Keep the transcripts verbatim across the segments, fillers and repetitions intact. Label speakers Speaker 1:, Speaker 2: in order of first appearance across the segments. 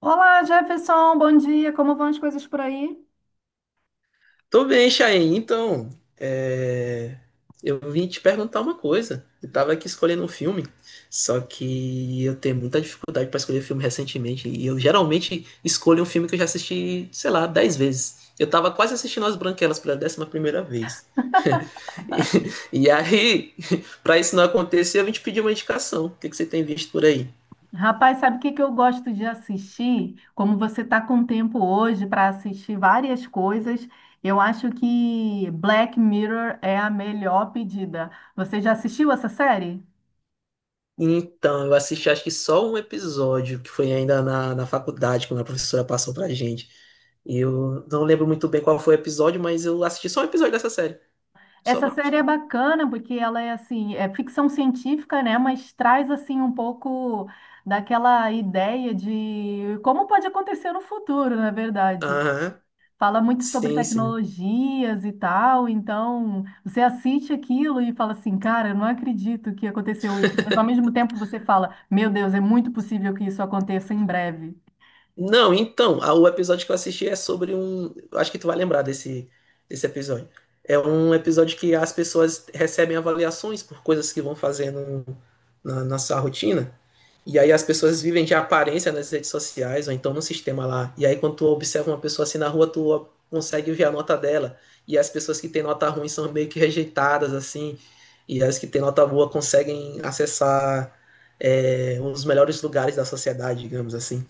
Speaker 1: Olá, Jefferson, bom dia. Como vão as coisas por aí?
Speaker 2: Tô bem, Chain. Então, é, eu vim te perguntar uma coisa. Eu tava aqui escolhendo um filme, só que eu tenho muita dificuldade pra escolher filme recentemente. E eu geralmente escolho um filme que eu já assisti, sei lá, dez vezes. Eu tava quase assistindo As Branquelas pela décima primeira vez. E, e aí, pra isso não acontecer, eu vim te pedir uma indicação. O que que você tem visto por aí?
Speaker 1: Rapaz, sabe o que que eu gosto de assistir? Como você está com tempo hoje para assistir várias coisas, eu acho que Black Mirror é a melhor pedida. Você já assistiu essa série?
Speaker 2: Então, eu assisti acho que só um episódio, que foi ainda na, na faculdade, quando a professora passou pra gente. E eu não lembro muito bem qual foi o episódio, mas eu assisti só um episódio dessa série. Só
Speaker 1: Essa
Speaker 2: uma.
Speaker 1: série é bacana porque ela é assim, é ficção científica, né? Mas traz assim um pouco daquela ideia de como pode acontecer no futuro, na verdade.
Speaker 2: Aham.
Speaker 1: Fala muito sobre
Speaker 2: Sim, sim.
Speaker 1: tecnologias e tal, então você assiste aquilo e fala assim, cara, eu não acredito que aconteceu isso, mas ao mesmo tempo você fala, meu Deus, é muito possível que isso aconteça em breve.
Speaker 2: Não, então, a- o episódio que eu assisti é sobre um. eu Acho que tu vai lembrar desse, desse episódio. É um episódio que as pessoas recebem avaliações por coisas que vão fazendo na na sua rotina. E aí as pessoas vivem de aparência nas redes sociais, ou então no sistema lá. E aí quando tu observa uma pessoa assim na rua, tu consegue ver a nota dela. E as pessoas que têm nota ruim são meio que rejeitadas, assim. E as que têm nota boa conseguem acessar é, um dos melhores lugares da sociedade, digamos assim.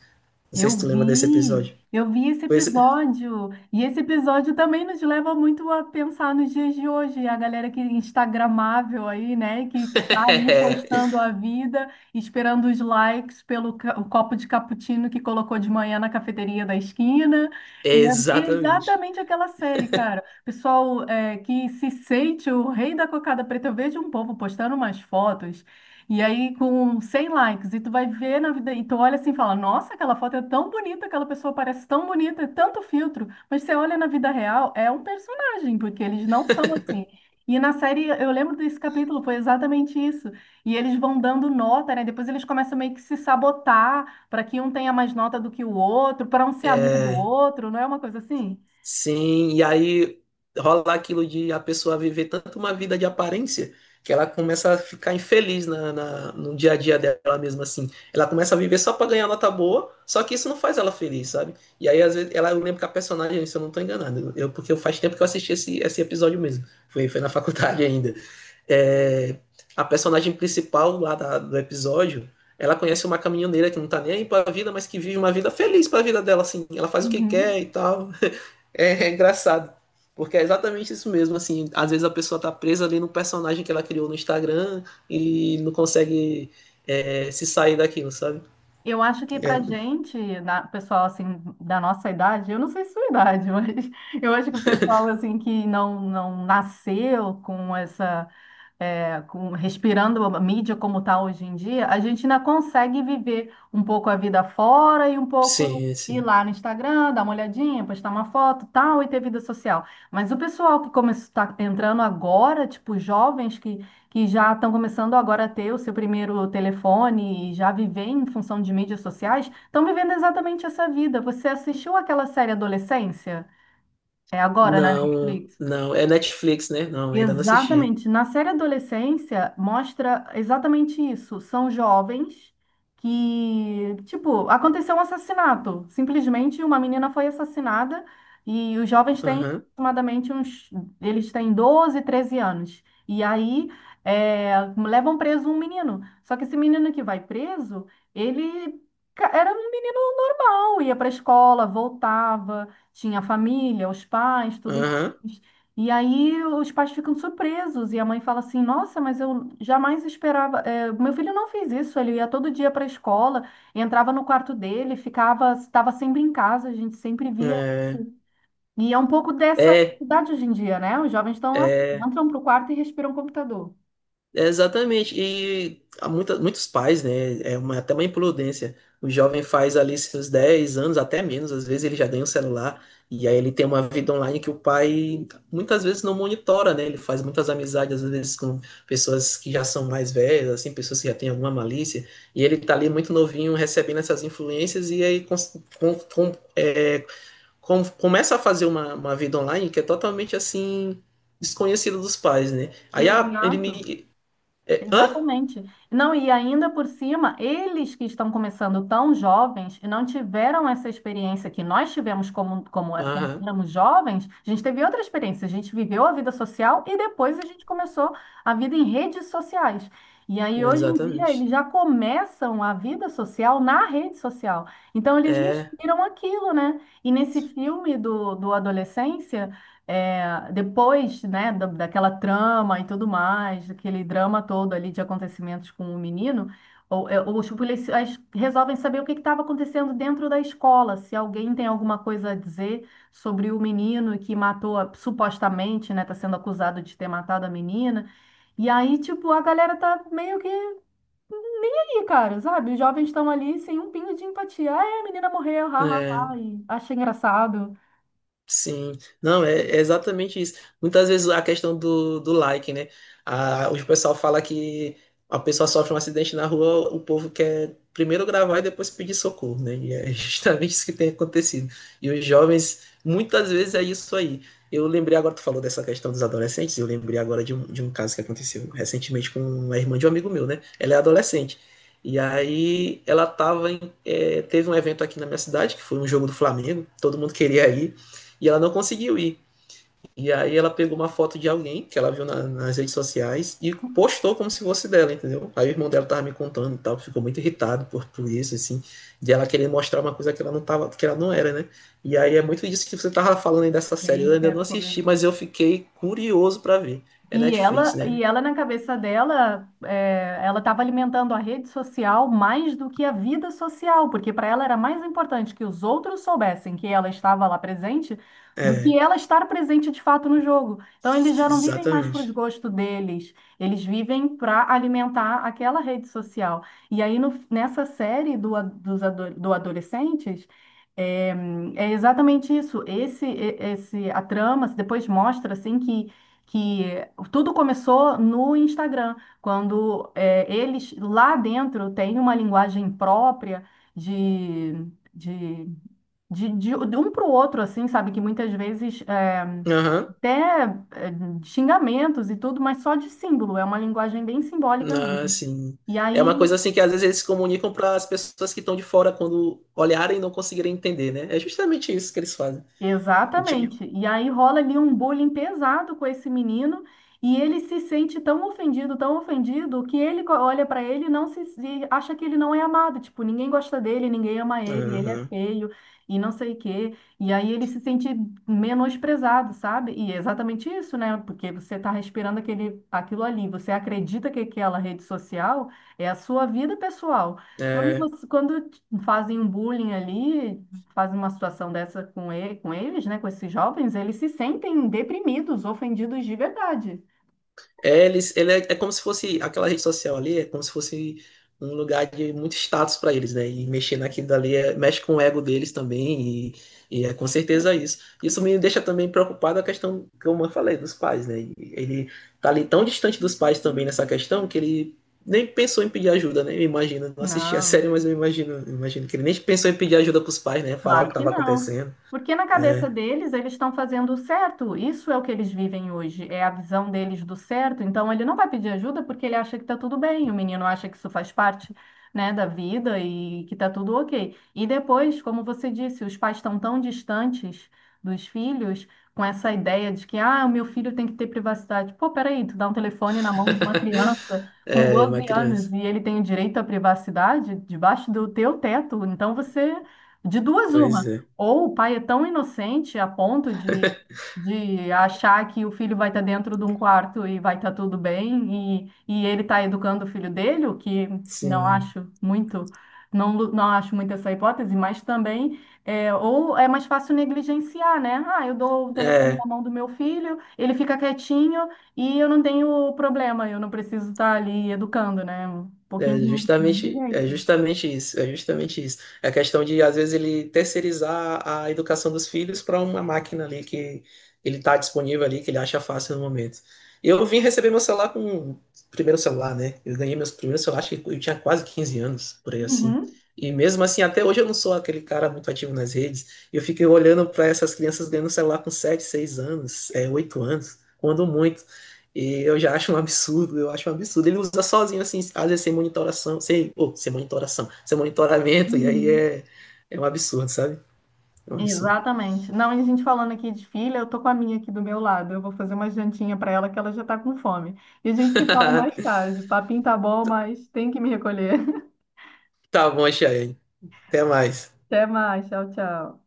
Speaker 2: Não sei
Speaker 1: Eu
Speaker 2: se tu lembra desse episódio.
Speaker 1: vi, eu vi esse
Speaker 2: Pois...
Speaker 1: episódio, e esse episódio também nos leva muito a pensar nos dias de hoje, a galera que é instagramável aí, né, que tá ali
Speaker 2: é,
Speaker 1: postando a vida, esperando os likes pelo ca- o copo de cappuccino que colocou de manhã na cafeteria da esquina, e é
Speaker 2: exatamente.
Speaker 1: exatamente aquela série, cara. Pessoal, é, que se sente o rei da cocada preta, eu vejo um povo postando umas fotos e aí, com cem likes, e tu vai ver na vida, e tu olha assim e fala: Nossa, aquela foto é tão bonita, aquela pessoa parece tão bonita, é tanto filtro. Mas você olha na vida real, é um personagem, porque eles não são assim. E na série, eu lembro desse capítulo, foi exatamente isso. E eles vão dando nota, né? Depois eles começam meio que se sabotar para que um tenha mais nota do que o outro, para um ser amigo do
Speaker 2: É,
Speaker 1: outro, não é uma coisa assim?
Speaker 2: Sim, e aí rola aquilo de a pessoa viver tanto uma vida de aparência que ela começa a ficar infeliz na, na- no dia a dia dela mesma assim. Ela começa a viver só para ganhar nota boa, só que isso não faz ela feliz, sabe? E aí, às vezes, ela, eu lembro que a personagem, se eu não tô enganado, eu, porque faz tempo que eu assisti esse, esse episódio mesmo, foi, foi na faculdade ainda. É, a personagem principal lá da- do episódio, ela conhece uma caminhoneira que não tá nem aí pra vida, mas que vive uma vida feliz pra vida dela, assim. Ela faz o que
Speaker 1: Uhum.
Speaker 2: quer e tal. É, é engraçado. Porque é exatamente isso mesmo, assim, às vezes a pessoa tá presa ali no personagem que ela criou no Instagram e não consegue é, se sair daquilo, sabe?
Speaker 1: Eu acho que pra
Speaker 2: É,
Speaker 1: gente, na- pessoal assim da nossa idade, eu não sei sua idade, mas eu acho que o pessoal assim que não não nasceu com essa é, com- respirando a mídia como está hoje em dia, a gente ainda consegue viver um pouco a vida fora e um pouco
Speaker 2: sim, é,
Speaker 1: ir
Speaker 2: sim.
Speaker 1: lá no Instagram, dar uma olhadinha, postar uma foto, tal, e ter vida social. Mas o pessoal que está entrando agora, tipo jovens que, que já estão começando agora a ter o seu primeiro telefone e já viver em função de mídias sociais, estão vivendo exatamente essa vida. Você assistiu aquela série Adolescência? É agora na
Speaker 2: Não,
Speaker 1: Netflix?
Speaker 2: não. É Netflix, né? Não, ainda não assisti.
Speaker 1: Exatamente. Na série Adolescência, mostra exatamente isso. São jovens que, tipo, aconteceu um assassinato. Simplesmente uma menina foi assassinada e os jovens têm
Speaker 2: Aham,
Speaker 1: aproximadamente uns. Eles têm doze treze anos. E aí é, levam preso um menino. Só que esse menino que vai preso, ele ca- era um menino normal, ia para a escola, voltava, tinha família, os pais, tudo
Speaker 2: aham.
Speaker 1: mais. E aí os pais ficam surpresos e a mãe fala assim: Nossa, mas eu jamais esperava. eh, meu filho não fez isso. Ele ia todo dia para a escola, entrava no quarto dele, ficava, estava sempre em casa. A gente sempre via.
Speaker 2: É,
Speaker 1: E é um pouco dessa
Speaker 2: é,
Speaker 1: idade hoje em dia, né? Os jovens estão assim,
Speaker 2: é.
Speaker 1: entram para o quarto e respiram o computador.
Speaker 2: É, Exatamente, e há muita, muitos pais, né? É uma, até uma imprudência. O jovem faz ali seus dez anos, até menos, às vezes ele já ganha um celular, e aí ele tem uma vida online que o pai muitas vezes não monitora, né? Ele faz muitas amizades, às vezes, com pessoas que já são mais velhas, assim, pessoas que já têm alguma malícia, e ele tá ali muito novinho recebendo essas influências, e aí cons- com- com- é, com- começa a fazer uma, uma vida online que é totalmente assim, desconhecida dos pais, né? Aí ah, ele
Speaker 1: Exato.
Speaker 2: me é, hã?
Speaker 1: Exatamente. Não, e ainda por cima, eles que estão começando tão jovens e não tiveram essa experiência que nós tivemos como, como, é- quando
Speaker 2: Aham,
Speaker 1: éramos jovens, a gente teve outra experiência, a gente viveu a vida social e depois a gente começou a vida em redes sociais. E aí, hoje em dia,
Speaker 2: exatamente.
Speaker 1: eles já começam a vida social na rede social. Então, eles
Speaker 2: É,
Speaker 1: respiram aquilo, né? E nesse filme do, do Adolescência. É, depois, né, da- daquela trama e tudo mais, aquele drama todo ali de acontecimentos com o menino, o- é, os policiais resolvem saber o que estava acontecendo dentro da escola, se alguém tem alguma coisa a dizer sobre o menino que matou, a- supostamente, né, está sendo acusado de ter matado a menina. E aí, tipo, a galera tá meio que aí, cara, sabe? Os jovens estão ali sem um pingo de empatia. Ah, é, a menina morreu, ha, ha, ha,
Speaker 2: é.
Speaker 1: e achei engraçado.
Speaker 2: Sim, não, é, é exatamente isso. Muitas vezes a questão do, do like, né? A, o pessoal fala que a pessoa sofre um acidente na rua, o povo quer primeiro gravar e depois pedir socorro, né? E é justamente isso que tem acontecido. E os jovens, muitas vezes é isso aí. Eu lembrei agora, tu falou dessa questão dos adolescentes, eu lembrei agora de um, de um, caso que aconteceu recentemente com uma irmã de um amigo meu, né? Ela é adolescente. E aí ela tava em, eh, teve um evento aqui na minha cidade, que foi um jogo do Flamengo, todo mundo queria ir e ela não conseguiu ir. E aí ela pegou uma foto de alguém que ela viu na- nas redes sociais e postou como se fosse dela, entendeu? Aí o irmão dela tava me contando e tal, ficou muito irritado por, por isso, assim, de ela querer mostrar uma coisa que ela não tava, que ela não era, né? E aí é muito disso que você tava falando aí dessa série. Eu
Speaker 1: Gente,
Speaker 2: ainda
Speaker 1: que
Speaker 2: não assisti,
Speaker 1: coisa.
Speaker 2: mas eu fiquei curioso pra ver. É
Speaker 1: E
Speaker 2: Netflix,
Speaker 1: ela,
Speaker 2: né?
Speaker 1: e ela na cabeça dela, é, ela estava alimentando a rede social mais do que a vida social, porque para ela era mais importante que os outros soubessem que ela estava lá presente do que
Speaker 2: É,
Speaker 1: ela estar presente de fato no jogo. Então eles já não vivem mais para os
Speaker 2: exatamente.
Speaker 1: gostos deles, eles vivem para alimentar aquela rede social. E aí no- nessa série do, a- dos ado- do adolescentes é, é exatamente isso. Esse, e- esse, a trama depois mostra assim que que tudo começou no Instagram, quando é, eles lá dentro têm uma linguagem própria de, de, de, de- de um para o outro, assim, sabe? Que muitas vezes é,
Speaker 2: Aham.
Speaker 1: até é, xingamentos e tudo, mas só de símbolo, é uma linguagem bem simbólica
Speaker 2: Ah,
Speaker 1: mesmo.
Speaker 2: sim.
Speaker 1: E
Speaker 2: É uma
Speaker 1: aí
Speaker 2: coisa assim que às vezes eles comunicam para as pessoas que estão de fora quando olharem e não conseguirem entender, né? É justamente isso que eles fazem. Tipo,
Speaker 1: Exatamente. E aí rola ali um bullying pesado com esse menino e ele se sente tão ofendido, tão ofendido, que ele co- olha para ele e não se, se- acha que ele não é amado, tipo, ninguém gosta dele, ninguém ama ele, ele é
Speaker 2: aham.
Speaker 1: feio e não sei o quê. E aí ele se sente menosprezado, sabe? E é exatamente isso, né? Porque você tá respirando aquele aquilo ali, você acredita que aquela rede social é a sua vida pessoal. Quando você- quando te fazem um bullying ali, faz uma situação dessa com ele, com eles, né, com esses jovens, eles se sentem deprimidos, ofendidos de verdade.
Speaker 2: É, eles, ele é, é como se fosse aquela rede social ali, é como se fosse um lugar de muito status para eles, né? E mexer naquilo dali é- mexe com o ego deles também, e, e é com certeza isso. Isso me deixa também preocupado a questão que eu falei dos pais, né? E Ele tá ali tão distante dos pais também nessa questão que ele nem pensou em pedir ajuda, né? Eu imagino, não assisti a série,
Speaker 1: Não.
Speaker 2: mas eu imagino, eu imagino que ele nem pensou em pedir ajuda pros pais, né? Falar o que
Speaker 1: Claro que
Speaker 2: estava
Speaker 1: não.
Speaker 2: acontecendo.
Speaker 1: Porque na
Speaker 2: É,
Speaker 1: cabeça deles, eles estão fazendo o certo. Isso é o que eles vivem hoje, é a visão deles do certo. Então, ele não vai pedir ajuda porque ele acha que está tudo bem. O menino acha que isso faz parte, né, da vida e que está tudo ok. E depois, como você disse, os pais estão tão distantes dos filhos com essa ideia de que, ah, o meu filho tem que ter privacidade. Pô, peraí, tu dá um telefone na mão de uma criança com
Speaker 2: é, uma
Speaker 1: doze
Speaker 2: criança.
Speaker 1: anos e ele tem o direito à privacidade debaixo do teu teto. Então, você de duas, uma.
Speaker 2: Pois é.
Speaker 1: Ou o pai é tão inocente a ponto de, de achar que o filho vai estar dentro de um quarto e vai estar tudo bem, e, e ele está educando o filho dele, o que não
Speaker 2: Sim.
Speaker 1: acho muito, não, lu- não acho muito essa hipótese, mas também, é, ou é mais fácil negligenciar, né? Ah, eu dou o telefone na
Speaker 2: É,
Speaker 1: mão do meu filho, ele fica quietinho e eu não tenho problema, eu não preciso estar ali educando, né? Um pouquinho
Speaker 2: É
Speaker 1: de
Speaker 2: justamente, é
Speaker 1: negligência.
Speaker 2: justamente isso, é justamente isso. É a questão de, às vezes, ele terceirizar a educação dos filhos para uma máquina ali que ele está disponível ali, que ele acha fácil no momento. Eu vim receber meu celular com primeiro celular, né? Eu ganhei meus primeiros celular, acho que eu tinha quase quinze anos, por aí assim.
Speaker 1: Uhum.
Speaker 2: E mesmo assim, até hoje eu não sou aquele cara muito ativo nas redes. Eu fico olhando para essas crianças ganhando celular com sete seis anos, é, oito anos, quando muito. E eu já acho um absurdo, eu acho um absurdo. Ele usa sozinho, assim, às vezes sem monitoração, sem, oh, sem monitoração, sem monitoramento, e aí
Speaker 1: Uhum.
Speaker 2: é, é um absurdo, sabe? É um absurdo.
Speaker 1: Exatamente. Não, e a gente falando aqui de filha, eu tô com a minha aqui do meu lado. Eu vou fazer uma jantinha para ela que ela já tá com fome. E a gente se fala mais tarde. O papinho tá bom, mas tem que me recolher.
Speaker 2: Tá bom, Chayane. Até mais.
Speaker 1: Até mais. Tchau, tchau.